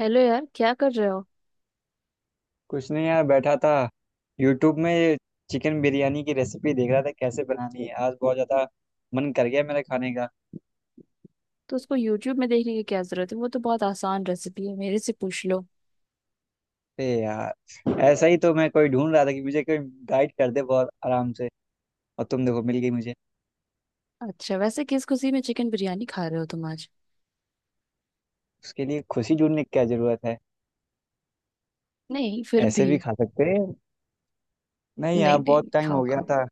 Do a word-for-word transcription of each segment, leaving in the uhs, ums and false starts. Hello यार, क्या कर रहे हो। कुछ नहीं यार बैठा था। यूट्यूब में ये चिकन बिरयानी की रेसिपी देख रहा था कैसे बनानी है। आज बहुत ज्यादा मन कर गया मेरा खाने का। तो उसको यूट्यूब में देखने की क्या जरूरत है। वो तो बहुत आसान रेसिपी है, मेरे से पूछ लो। ए यार ऐसा ही तो मैं कोई ढूंढ रहा था कि मुझे कोई गाइड कर दे बहुत आराम से। और तुम देखो मिल गई मुझे। अच्छा, वैसे किस खुशी में चिकन बिरयानी खा रहे हो तुम आज? उसके लिए खुशी ढूंढने की क्या जरूरत है। नहीं, फिर भी। ऐसे भी खा सकते हैं। नहीं नहीं यार नहीं बहुत नहीं, टाइम खाओ हो गया खाओ। था।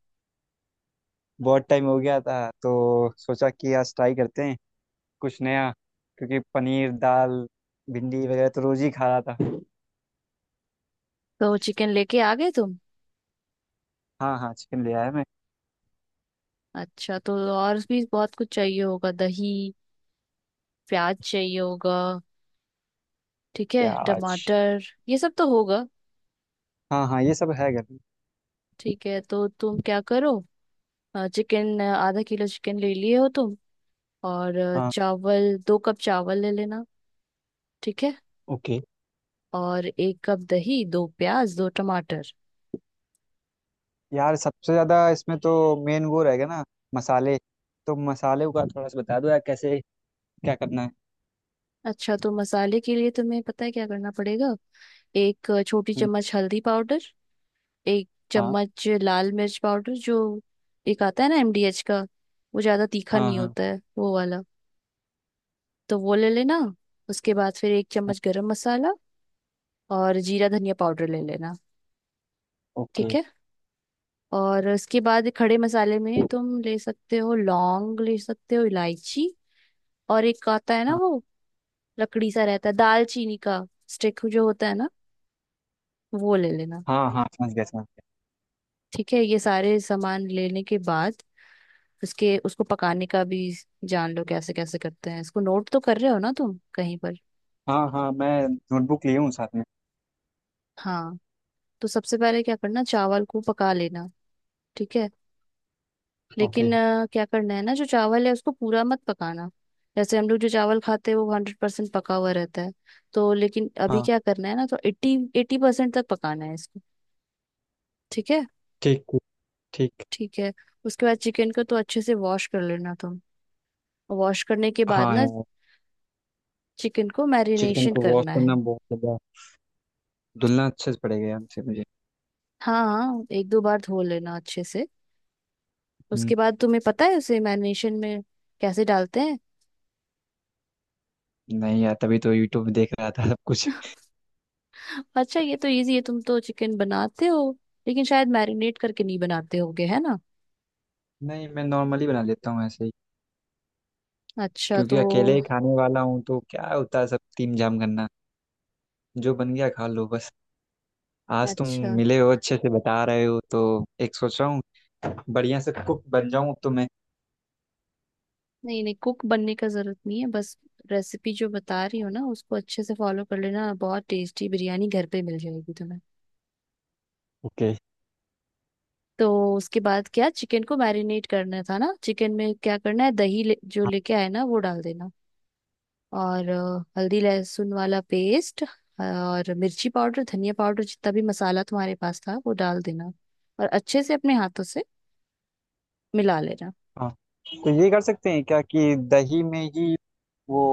बहुत टाइम हो गया था तो सोचा कि आज ट्राई करते हैं कुछ नया क्योंकि पनीर दाल भिंडी वगैरह तो रोज ही खा रहा था। तो चिकन लेके आ गए तुम। हाँ हाँ चिकन ले आया मैं। अच्छा, तो और भी बहुत कुछ चाहिए होगा। दही, प्याज चाहिए होगा। ठीक है। प्याज। टमाटर, ये सब तो होगा। हाँ हाँ ये सब है घर में। ठीक है, तो तुम क्या करो। चिकन आधा किलो चिकन ले लिए हो तुम। और अ, हाँ। चावल, दो कप चावल ले लेना। ठीक है। ओके। और एक कप दही, दो प्याज, दो टमाटर। यार सबसे ज्यादा इसमें तो मेन वो रहेगा ना, मसाले। तो मसाले का थोड़ा सा बता दो यार कैसे क्या करना है। अच्छा, तो मसाले के लिए तुम्हें पता है क्या करना पड़ेगा। एक छोटी हम्म। चम्मच हल्दी पाउडर, एक हाँ चम्मच लाल मिर्च पाउडर, जो एक आता है ना एमडीएच का, वो ज्यादा तीखा हाँ नहीं हाँ। होता है वो वाला, तो वो ले लेना। उसके बाद फिर एक हाँ। चम्मच गरम मसाला, और जीरा धनिया पाउडर ले लेना। ठीक ओके। है। और उसके बाद खड़े मसाले में तुम ले सकते हो लौंग, ले सकते हो इलायची, और एक आता है ना हाँ वो, लकड़ी सा रहता है, दालचीनी का स्टिक जो होता है ना, वो ले लेना। हाँ हाँ समझ गया समझ गया। ठीक है, ये सारे सामान लेने के बाद उसके उसको पकाने का भी जान लो कैसे कैसे करते हैं इसको। नोट तो कर रहे हो ना तुम कहीं पर? हाँ हाँ मैं नोटबुक लिए हूँ साथ में। हाँ। तो सबसे पहले क्या करना, चावल को पका लेना। ठीक है। ओके। लेकिन अ, क्या करना है ना, जो चावल है उसको पूरा मत पकाना। जैसे हम लोग जो चावल खाते हैं वो हंड्रेड परसेंट पका हुआ रहता है, तो लेकिन अभी हाँ। क्या करना है ना, तो एट्टी एट्टी परसेंट तक पकाना है इसको। ठीक है। ठीक ठीक। ठीक। ठीक है, उसके बाद चिकन को तो अच्छे से वॉश कर लेना तुम। वॉश करने के बाद हाँ ना यार चिकन को चिकन मैरिनेशन को वॉश करना करना है। बहुत ज़्यादा धुलना अच्छे से पड़ेगा यार मुझे मुझे हाँ हाँ, एक दो बार धो लेना अच्छे से। हम्म। उसके बाद तुम्हें पता है उसे मैरिनेशन में कैसे डालते हैं? नहीं यार तभी तो यूट्यूब में देख रहा था सब कुछ। अच्छा, ये तो इजी है। तुम तो चिकन बनाते हो, लेकिन शायद मैरिनेट करके नहीं बनाते होगे, है ना? नहीं मैं नॉर्मली बना लेता हूँ ऐसे ही अच्छा क्योंकि तो। अकेले ही खाने वाला हूँ तो क्या होता है सब तीम जाम करना। जो बन गया खा लो बस। आज तुम अच्छा। मिले हो अच्छे से बता रहे हो तो एक सोच रहा हूँ बढ़िया से कुक बन जाऊं अब तो मैं। नहीं नहीं, कुक बनने का जरूरत नहीं है। बस रेसिपी जो बता रही हो ना उसको अच्छे से फॉलो कर लेना, बहुत टेस्टी बिरयानी घर पे मिल जाएगी तुम्हें। ओके। तो उसके बाद क्या, चिकन को मैरिनेट करना था ना। चिकन में क्या करना है, दही ले, जो हाँ लेके आए ना वो डाल देना। और अ, हल्दी लहसुन वाला पेस्ट, और मिर्ची पाउडर धनिया पाउडर जितना भी मसाला तुम्हारे पास था वो डाल देना। और अच्छे से अपने हाथों से मिला लेना। हाँ। तो ये कर सकते हैं क्या कि दही में ही वो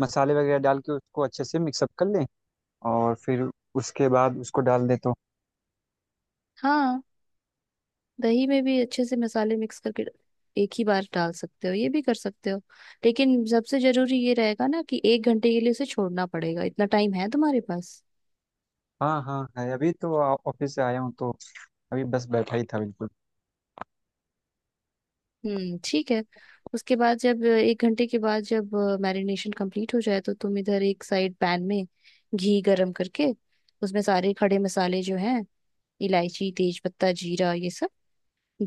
मसाले वगैरह डाल के उसको अच्छे से मिक्सअप कर लें और फिर उसके बाद उसको डाल दें तो। हाँ। दही में भी अच्छे से मसाले मिक्स करके एक ही बार डाल सकते हो, ये भी कर सकते हो। लेकिन सबसे जरूरी ये रहेगा ना कि एक घंटे के लिए उसे छोड़ना पड़ेगा। इतना टाइम है तुम्हारे पास? हाँ हाँ है अभी तो आ- ऑफिस से आया हूँ तो अभी बस बैठा ही था बिल्कुल। हम्म ठीक है। उसके बाद जब एक घंटे के बाद जब मैरिनेशन कंप्लीट हो जाए तो तुम इधर एक साइड पैन में घी गरम करके उसमें सारे खड़े मसाले जो हैं, इलायची तेज पत्ता जीरा ये सब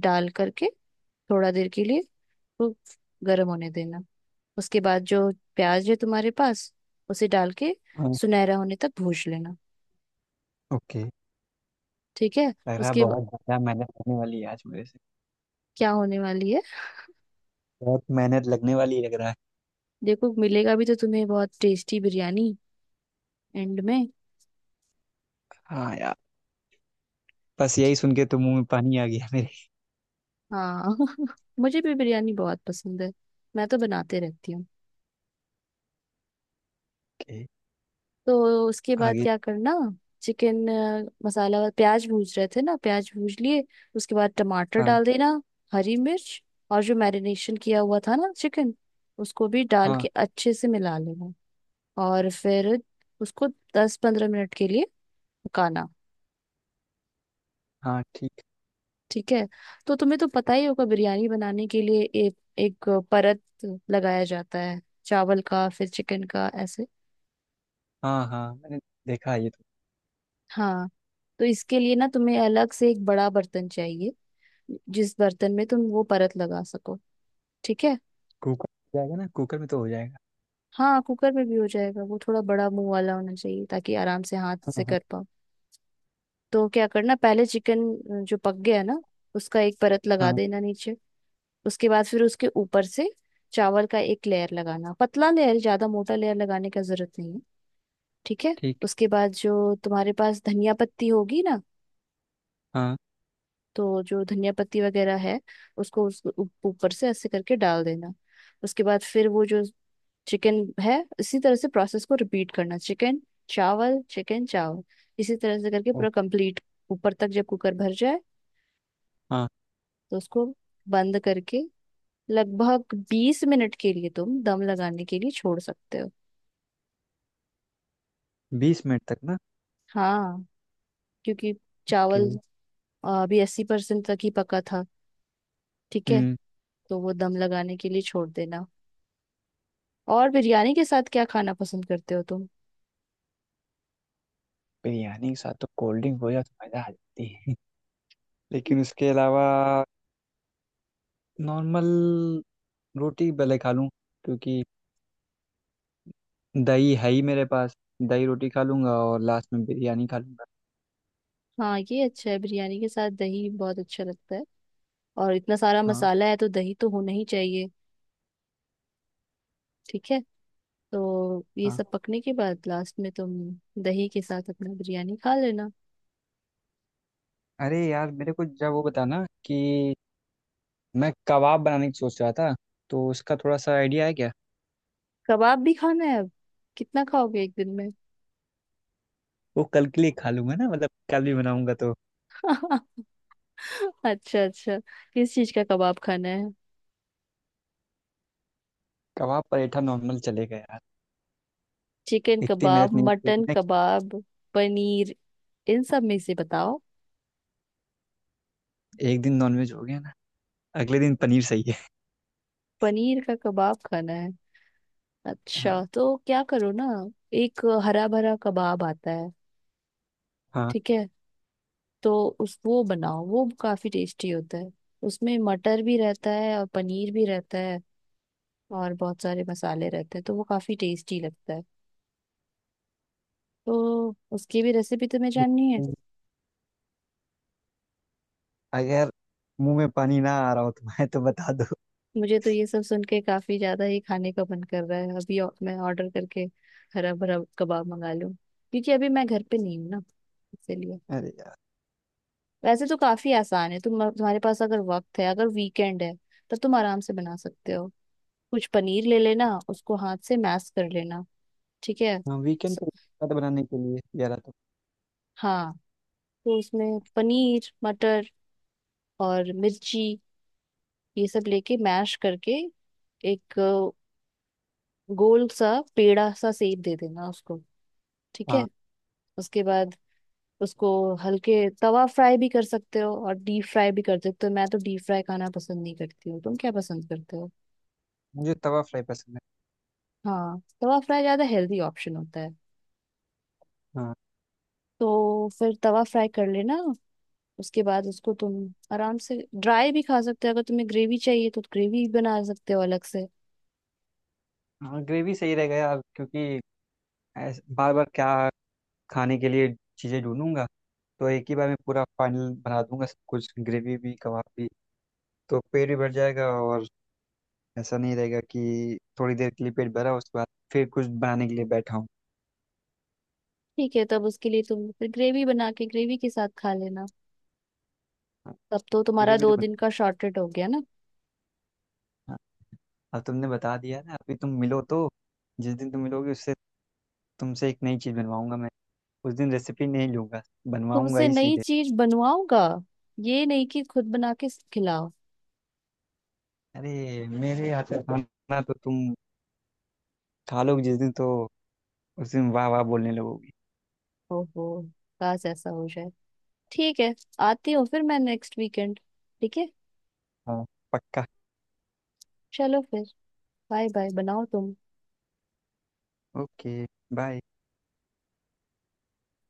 डाल करके थोड़ा देर के लिए वो गरम होने देना। उसके बाद जो प्याज है तुम्हारे पास उसे डाल के हाँ। सुनहरा होने तक भून लेना। ओके। ठीक है। लग रहा है उसके ब- बहुत ज़्यादा मेहनत होने वाली है आज मेरे से। क्या होने वाली है? बहुत मेहनत लगने वाली लग रहा है। देखो मिलेगा भी तो तुम्हें बहुत टेस्टी बिरयानी एंड में। हाँ यार बस यही सुन के तो मुंह में पानी आ गया मेरे। हाँ। मुझे भी बिरयानी बहुत पसंद है। मैं तो बनाते रहती हूँ। के तो उसके बाद आगे। क्या करना, चिकन मसाला और प्याज भूज रहे थे ना, प्याज भूज लिए। उसके बाद टमाटर हाँ डाल देना, हरी मिर्च, और जो मैरिनेशन किया हुआ था ना चिकन, उसको भी डाल हाँ। के अच्छे से मिला लेना। और फिर उसको दस पंद्रह मिनट के लिए पकाना। हाँ ठीक। ठीक है, तो तुम्हें तो पता ही होगा बिरयानी बनाने के लिए एक एक परत लगाया जाता है, चावल का फिर चिकन का ऐसे। हाँ हाँ मैंने देखा है ये तो। हाँ। तो इसके लिए ना तुम्हें अलग से एक बड़ा बर्तन चाहिए, जिस बर्तन में तुम वो परत लगा सको। ठीक है। कुकर हो जाएगा ना कुकर में तो हो जाएगा। हाँ, कुकर में भी हो जाएगा, वो थोड़ा बड़ा मुंह वाला होना चाहिए ताकि आराम से हाथ हाँ से हाँ कर पाओ। तो क्या करना, पहले चिकन जो पक गया ना उसका एक परत लगा हाँ। देना नीचे। उसके बाद फिर उसके ऊपर से चावल का एक लेयर लगाना, पतला लेयर, ज्यादा मोटा लेयर लगाने का जरूरत नहीं है। ठीक है। ठीक। उसके बाद जो तुम्हारे पास धनिया पत्ती होगी ना, हाँ। तो जो धनिया पत्ती वगैरह है उसको उस उ- ऊपर से ऐसे करके डाल देना। उसके बाद फिर वो जो चिकन है, इसी तरह से प्रोसेस को रिपीट करना। चिकन चावल चिकन चावल, इसी तरह से करके ओ। पूरा कंप्लीट ऊपर तक जब कुकर भर जाए हाँ। तो उसको बंद करके लगभग बीस मिनट के लिए तुम दम लगाने के लिए छोड़ सकते हो। बीस मिनट तक ना। हाँ, क्योंकि के चावल आ, अभी अस्सी परसेंट तक ही पका था। ठीक है। हम्म। तो वो दम लगाने के लिए छोड़ देना। और बिरयानी के साथ क्या खाना पसंद करते हो तुम? बिरयानी के साथ तो कोल्ड ड्रिंक हो जाए तो मज़ा आ जाती है। लेकिन उसके अलावा नॉर्मल रोटी भले खा लूँ क्योंकि दही है ही मेरे पास। दही रोटी खा लूँगा और लास्ट में बिरयानी खा लूँगा। हाँ, ये अच्छा है, बिरयानी के साथ दही बहुत अच्छा लगता है। और इतना सारा हाँ। मसाला है तो दही तो होना ही चाहिए। ठीक है। तो ये सब हाँ। पकने के बाद लास्ट में तुम दही के साथ अपना बिरयानी खा लेना। अरे यार मेरे को जब वो बताना कि मैं कबाब बनाने की सोच रहा था तो उसका थोड़ा सा आइडिया है क्या। कबाब भी खाना है अब? कितना खाओगे एक दिन में? वो कल के लिए खा लूंगा ना मतलब कल भी बनाऊंगा तो। अच्छा अच्छा, किस चीज का कबाब खाना है? कबाब पराठा नॉर्मल चलेगा यार। चिकन इतनी कबाब, मेहनत नहीं मटन होगी ना। कबाब, पनीर, इन सब में से बताओ। एक दिन नॉनवेज हो गया ना अगले दिन पनीर सही है। पनीर का कबाब खाना है। हाँ। अच्छा, तो क्या करो ना, एक हरा भरा कबाब आता है। हाँ। ठीक है। तो उस वो बनाओ, वो काफी टेस्टी होता है। उसमें मटर भी रहता है और पनीर भी रहता है और बहुत सारे मसाले रहते हैं, तो वो काफी टेस्टी लगता है। तो उसकी भी रेसिपी तुम्हें जाननी है? अगर मुंह में पानी ना आ रहा हो तुम्हारे तो बता दो। मुझे तो ये सब सुन के काफी ज्यादा ही खाने का मन कर रहा है अभी औ- मैं ऑर्डर करके हरा भरा कबाब मंगा लूं, क्योंकि अभी मैं घर पे नहीं हूँ ना, इसीलिए। अरे यार। वैसे तो काफी आसान है, तुम तुम्हारे पास अगर वक्त है, अगर वीकेंड है तब तुम आराम से बना सकते हो। कुछ पनीर ले लेना, उसको हाथ से मैश कर लेना। ठीक है। हाँ वीकेंड स- पे खाना बनाने के लिए यार तो। हाँ, तो उसमें पनीर, मटर और मिर्ची, ये सब लेके मैश करके एक अ, गोल सा पेड़ा सा शेप दे देना उसको। ठीक हाँ। है। उसके बाद उसको हल्के तवा फ्राई भी कर सकते हो और डीप फ्राई भी कर सकते हो। मैं तो डीप फ्राई खाना पसंद नहीं करती हूँ, तुम क्या पसंद करते हो? मुझे तवा फ्राई पसंद है। हाँ, तवा फ्राई ज्यादा हेल्दी ऑप्शन होता है, हाँ। तो फिर तवा फ्राई कर लेना। उसके बाद उसको तुम आराम से ड्राई भी खा सकते हो, अगर तुम्हें ग्रेवी चाहिए तो ग्रेवी बना सकते हो अलग से। हाँ ग्रेवी सही रहेगा यार क्योंकि बार बार क्या खाने के लिए चीज़ें ढूंढूंगा तो एक ही बार में पूरा फाइनल बना दूंगा सब कुछ ग्रेवी भी कबाब भी। तो पेट भी भर जाएगा और ऐसा नहीं रहेगा कि थोड़ी देर के लिए पेट भरा उसके बाद फिर कुछ बनाने के लिए बैठा हूँ। ठीक है, तब उसके लिए तुम फिर ग्रेवी बना के ग्रेवी के साथ खा लेना। हाँ। तब तो तुम्हारा ग्रेवी तो दो दिन बना। का शॉर्टेड हो गया ना। हाँ अब तुमने बता दिया ना अभी तुम मिलो तो जिस दिन तुम मिलोगे उससे तुमसे एक नई चीज़ बनवाऊंगा मैं। उस दिन रेसिपी नहीं लूंगा बनवाऊंगा तुमसे ही नई सीधे। चीज बनवाऊंगा, ये नहीं कि खुद बना के खिलाओ। अरे मेरे हाथ का खाना तो तुम खा लोगे जिस दिन तो उस दिन वाह वाह बोलने लगोगी। ओहो, काश ऐसा हो जाए। ठीक है, आती हूँ फिर मैं नेक्स्ट वीकेंड। ठीक है। हाँ पक्का। चलो फिर, बाय बाय, बनाओ तुम। Okay bye.